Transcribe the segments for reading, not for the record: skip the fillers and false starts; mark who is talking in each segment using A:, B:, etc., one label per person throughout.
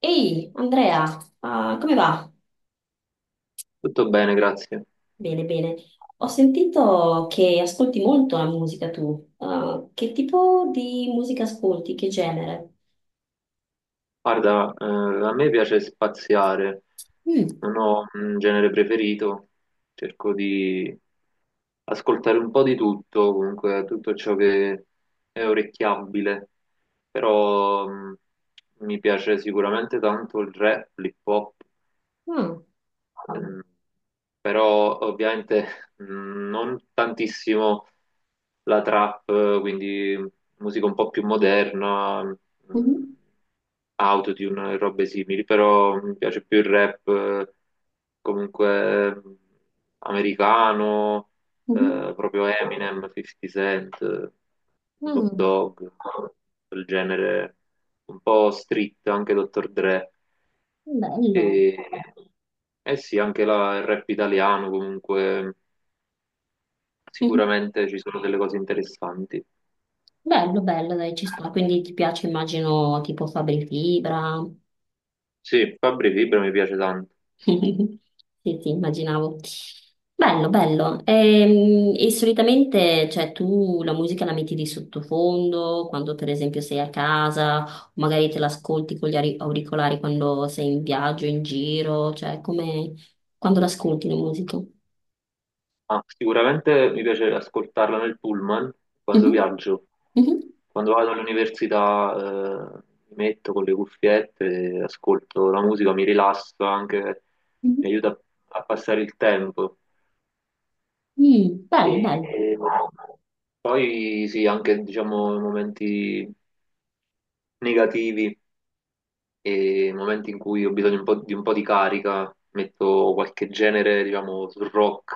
A: Ehi, Andrea, come va?
B: Tutto bene, grazie.
A: Bene, bene. Ho sentito che ascolti molto la musica tu. Ah, che tipo di musica ascolti? Che genere?
B: Guarda, a me piace spaziare,
A: Mm.
B: non ho un genere preferito, cerco di ascoltare un po' di tutto, comunque tutto ciò che è orecchiabile, però mi piace sicuramente tanto il rap, l'hip hop.
A: Ah,
B: Mm, Però ovviamente non tantissimo la trap, quindi musica un po' più moderna,
A: mhm,
B: autotune e robe simili, però mi piace più il rap comunque americano,
A: mhm.
B: proprio Eminem, 50 Cent, Snoop
A: Ah,
B: Dogg, quel genere un po' street, anche Dr. Dre.
A: bello.
B: E, eh sì, anche il rap italiano comunque
A: Mhm.
B: sicuramente ci sono delle cose interessanti.
A: Bello, bello, dai, ci sta. Quindi ti piace, immagino, tipo Fabri Fibra.
B: Sì, Fabri Fibra mi piace tanto.
A: Sì, sì, immaginavo. Bello, bello. E solitamente, cioè, tu la musica la metti di sottofondo quando, per esempio, sei a casa, o magari te l'ascolti con gli auricolari quando sei in viaggio, in giro, cioè, come quando l'ascolti la musica.
B: Ah, sicuramente mi piace ascoltarla nel pullman quando
A: Mhm,
B: viaggio.
A: mhm,
B: Quando vado all'università mi metto con le cuffiette, ascolto la musica, mi rilasso anche,
A: mhm.
B: mi aiuta a passare il tempo.
A: Mm, bello,
B: E
A: bello.
B: poi sì, anche diciamo momenti negativi. E nei momenti in cui ho bisogno un po' di carica metto qualche genere, diciamo, sul rock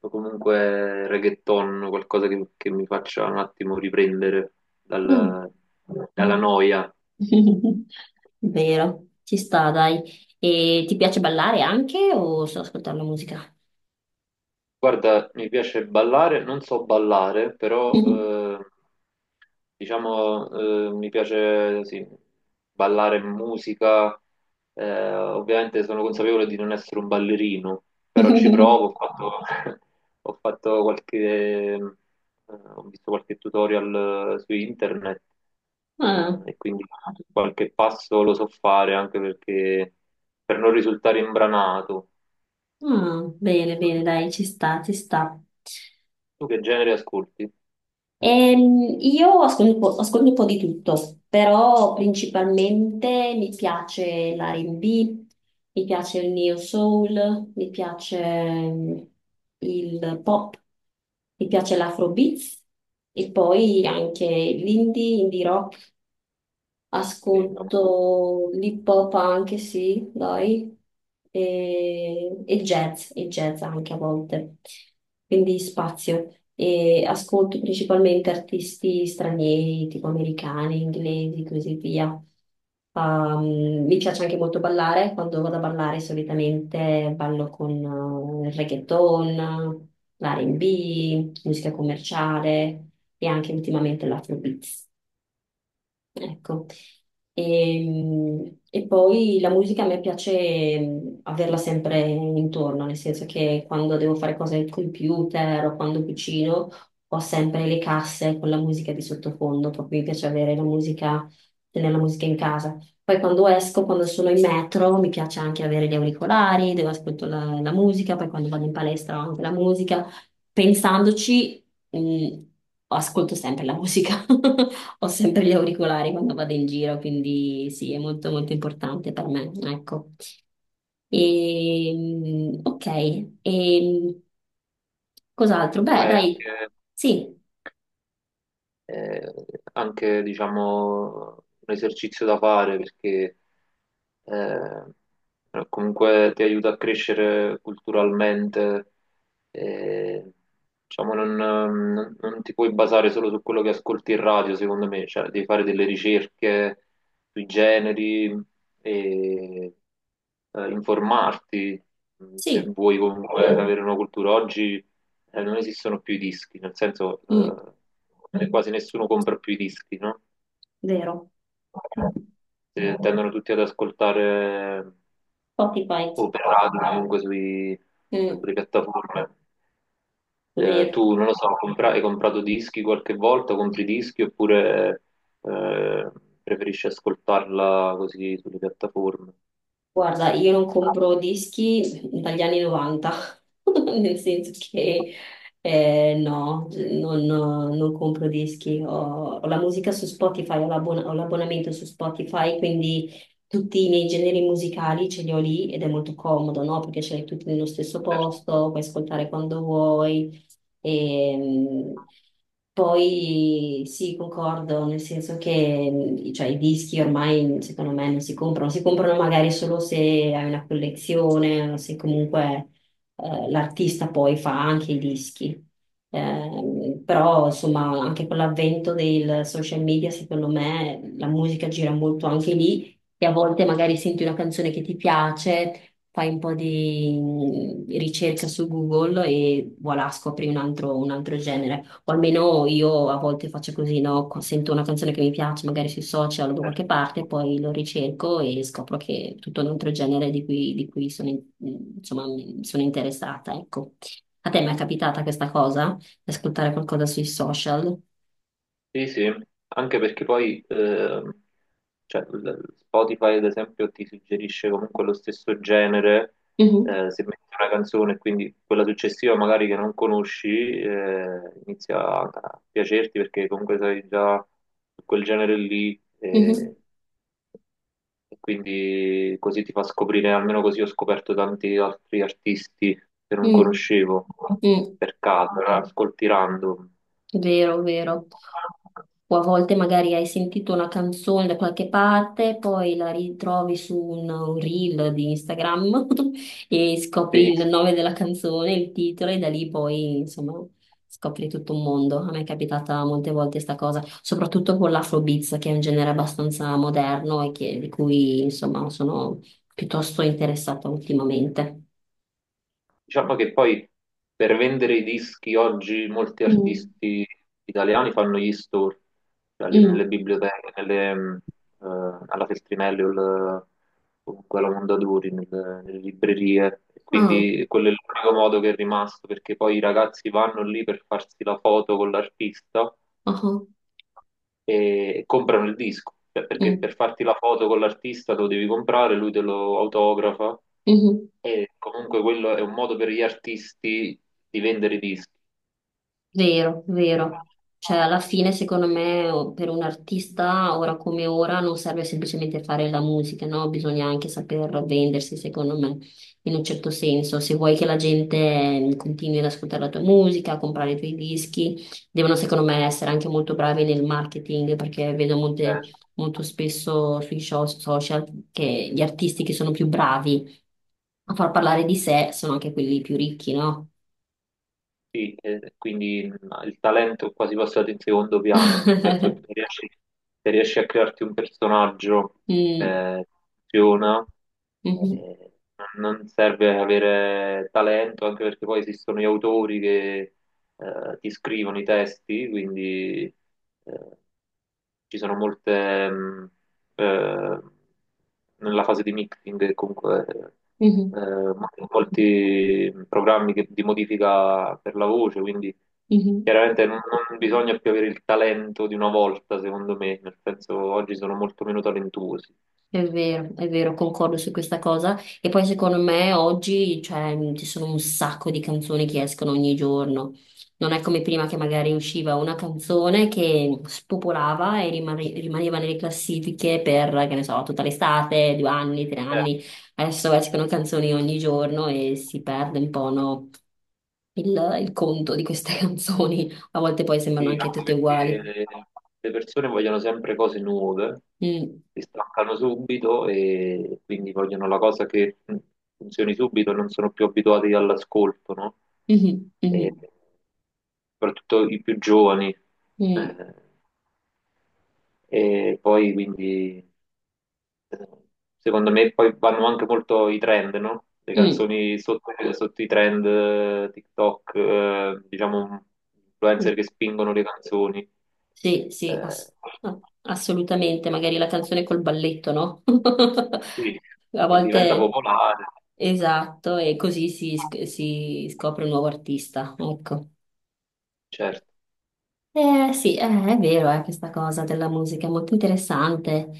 B: o comunque reggaeton, qualcosa che mi faccia un attimo riprendere
A: Mm.
B: dal- dalla noia.
A: Vero, ci sta, dai. E ti piace ballare anche o solo ascoltare la musica?
B: Guarda, mi piace ballare, non so ballare, però diciamo mi piace sì, ballare musica. Ovviamente sono consapevole di non essere un ballerino, però ci provo. Ho fatto, ho fatto qualche, eh, ho visto qualche tutorial su internet,
A: Ah.
B: e quindi qualche passo lo so fare, anche perché per non risultare imbranato.
A: Mm, bene, bene, dai, ci sta, ci sta.
B: Tu che genere ascolti?
A: Io ascolto un po' di tutto, però principalmente mi piace l'R&B, mi piace il neo soul, mi piace il pop, mi piace l'afrobeats e poi anche l'indie. Indie
B: Sì, vabbè.
A: Ascolto l'hip hop anche, sì, dai, e jazz anche a volte, quindi spazio. E ascolto principalmente artisti stranieri, tipo americani, inglesi, così via. Mi piace anche molto ballare, quando vado a ballare solitamente ballo con il reggaeton, l'R&B, musica commerciale e anche ultimamente l'afrobeats. Ecco, e poi la musica a me piace averla sempre intorno, nel senso che quando devo fare cose al computer o quando cucino ho sempre le casse con la musica di sottofondo, proprio mi piace avere la musica, tenere la musica in casa. Poi quando esco, quando sono in metro, mi piace anche avere gli auricolari, devo ascoltare la, la musica, poi quando vado in palestra ho anche la musica. Pensandoci, mh, ascolto sempre la musica. Ho sempre gli auricolari quando vado in giro, quindi sì, è molto molto importante per me, ecco. E, ok, e cos'altro? Beh,
B: Come
A: dai,
B: anche,
A: sì,
B: eh, anche, diciamo, un esercizio da fare, perché comunque ti aiuta a crescere culturalmente, eh, diciamo, non ti puoi basare solo su quello che ascolti in radio, secondo me, cioè devi fare delle ricerche sui generi e informarti se
A: sì,
B: vuoi comunque avere una cultura oggi. Eh, non esistono più i dischi, nel senso
A: mm,
B: quasi nessuno compra più i dischi, no?
A: vero.
B: Tendono tutti ad ascoltare
A: Spotify,
B: o per radio, comunque
A: mm,
B: sulle piattaforme.
A: vero.
B: Tu, non lo so, hai comprato dischi qualche volta, compri dischi oppure eh, preferisci ascoltarla così sulle piattaforme?
A: Guarda, io non compro dischi dagli anni 90, nel senso che no, non compro dischi, ho la musica su Spotify, ho l'abbonamento su Spotify, quindi tutti i miei generi musicali ce li ho lì ed è molto comodo, no? Perché ce li hai tutti nello stesso
B: Certo,
A: posto, puoi ascoltare quando vuoi. E, poi sì, concordo, nel senso che cioè, i dischi ormai secondo me non si comprano, si comprano magari solo se hai una collezione o se comunque l'artista poi fa anche i dischi. Però insomma anche con l'avvento del social media secondo me la musica gira molto anche lì e a volte magari senti una canzone che ti piace, fai un po' di ricerca su Google e voilà, scopri un altro genere. O almeno io a volte faccio così, no? Sento una canzone che mi piace, magari sui social o da
B: certo.
A: qualche parte, poi lo ricerco e scopro che è tutto un altro genere di cui sono, insomma, sono interessata, ecco. A te mi è capitata questa cosa? Di ascoltare qualcosa sui social?
B: Sì, sì, anche perché poi cioè, Spotify, ad esempio, ti suggerisce comunque lo stesso genere,
A: Mhm,
B: se metti una canzone, quindi quella successiva magari che non conosci, inizia a piacerti perché comunque sei già su quel genere lì,
A: mhm,
B: e, e quindi così ti fa scoprire, almeno così ho scoperto tanti altri artisti che non
A: mm,
B: conoscevo
A: mm.
B: per caso, era ascolti random.
A: Vero, vero. O a volte magari hai sentito una canzone da qualche parte, poi la ritrovi su un reel di Instagram e scopri
B: Sì.
A: il nome della canzone, il titolo, e da lì poi, insomma, scopri tutto un mondo. A me è capitata molte volte sta cosa, soprattutto con l'Afrobeats, che è un genere abbastanza moderno e di cui, insomma, sono piuttosto interessata ultimamente.
B: Diciamo che poi per vendere i dischi oggi molti
A: Mm.
B: artisti italiani fanno gli store, cioè nelle
A: Mm.
B: biblioteche, eh, alla Feltrinelli o, comunque alla Mondadori, nelle librerie.
A: Ah,
B: Quindi quello è l'unico modo che è rimasto, perché poi i ragazzi vanno lì per farsi la foto con l'artista
A: ah, ah.
B: e comprano il disco. Cioè, perché
A: Mm,
B: per farti la foto con l'artista lo devi comprare, lui te lo autografa
A: mhm.
B: e comunque quello è un modo per gli artisti di vendere i dischi.
A: Vero, vero. Cioè, alla fine, secondo me, per un artista, ora come ora, non serve semplicemente fare la musica, no? Bisogna anche saper vendersi, secondo me, in un certo senso. Se vuoi che la gente continui ad ascoltare la tua musica, a comprare i tuoi dischi, devono, secondo me, essere anche molto bravi nel marketing, perché vedo
B: Certo.
A: molto spesso sui social che gli artisti che sono più bravi a far parlare di sé sono anche quelli più ricchi, no?
B: Sì, quindi il talento è quasi passato in secondo piano, nel senso che se riesci a crearti un personaggio
A: Mm.
B: eh, funziona,
A: Mhm,
B: eh, non serve avere talento, anche perché poi esistono gli autori che ti scrivono i testi, quindi eh, ci sono molte, eh, nella fase di mixing, comunque eh,
A: mhm,
B: mancano molti programmi di modifica per la voce, quindi
A: mhm.
B: chiaramente non bisogna più avere il talento di una volta, secondo me, nel senso oggi sono molto meno talentuosi.
A: È vero, concordo su questa cosa. E poi secondo me oggi, cioè, ci sono un sacco di canzoni che escono ogni giorno. Non è come prima che magari usciva una canzone che spopolava e rimaneva nelle classifiche per, che ne so, tutta l'estate, 2 anni, tre
B: Eh,
A: anni. Adesso escono canzoni ogni giorno e si perde un po', no, il conto di queste canzoni. A volte poi sembrano
B: Sì,
A: anche
B: anche
A: tutte uguali.
B: perché le persone vogliono sempre cose nuove,
A: Mm,
B: si stancano subito e quindi vogliono la cosa che funzioni subito, non sono più abituati all'ascolto, no?
A: mhm,
B: E
A: mhm,
B: soprattutto i più giovani.
A: mm.
B: Eh, e poi quindi, secondo me poi vanno anche molto i trend, no? Le
A: Mm,
B: canzoni sotto i trend, TikTok, diciamo, influencer
A: mm.
B: che spingono le canzoni.
A: Sì, sì,
B: Eh,
A: ass- no, assolutamente, magari la canzone col balletto, no?
B: sì,
A: A
B: e diventa
A: volte,
B: popolare,
A: esatto, e così si scopre un nuovo artista, ecco.
B: certo.
A: Sì, è vero, questa cosa della musica è molto interessante.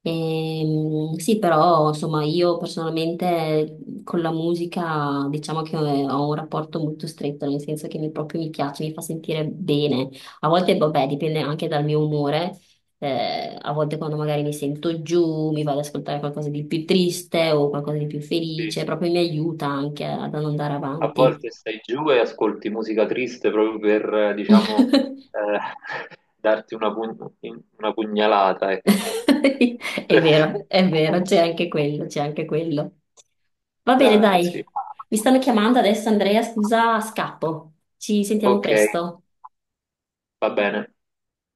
A: Sì, però insomma io personalmente con la musica diciamo che ho un rapporto molto stretto, nel senso che mi, proprio mi piace, mi fa sentire bene. A volte, vabbè, dipende anche dal mio umore. A volte quando magari mi sento giù, mi vado ad ascoltare qualcosa di più triste o qualcosa di più
B: Sì.
A: felice, proprio mi aiuta anche ad andare
B: A
A: avanti.
B: volte stai giù e ascolti musica triste proprio per, diciamo, eh, darti una, una pugnalata, ecco.
A: È vero, c'è anche quello, c'è anche quello. Va bene,
B: Ah, sì.
A: dai. Mi stanno chiamando adesso, Andrea, scusa, scappo. Ci sentiamo
B: Ok,
A: presto.
B: va bene.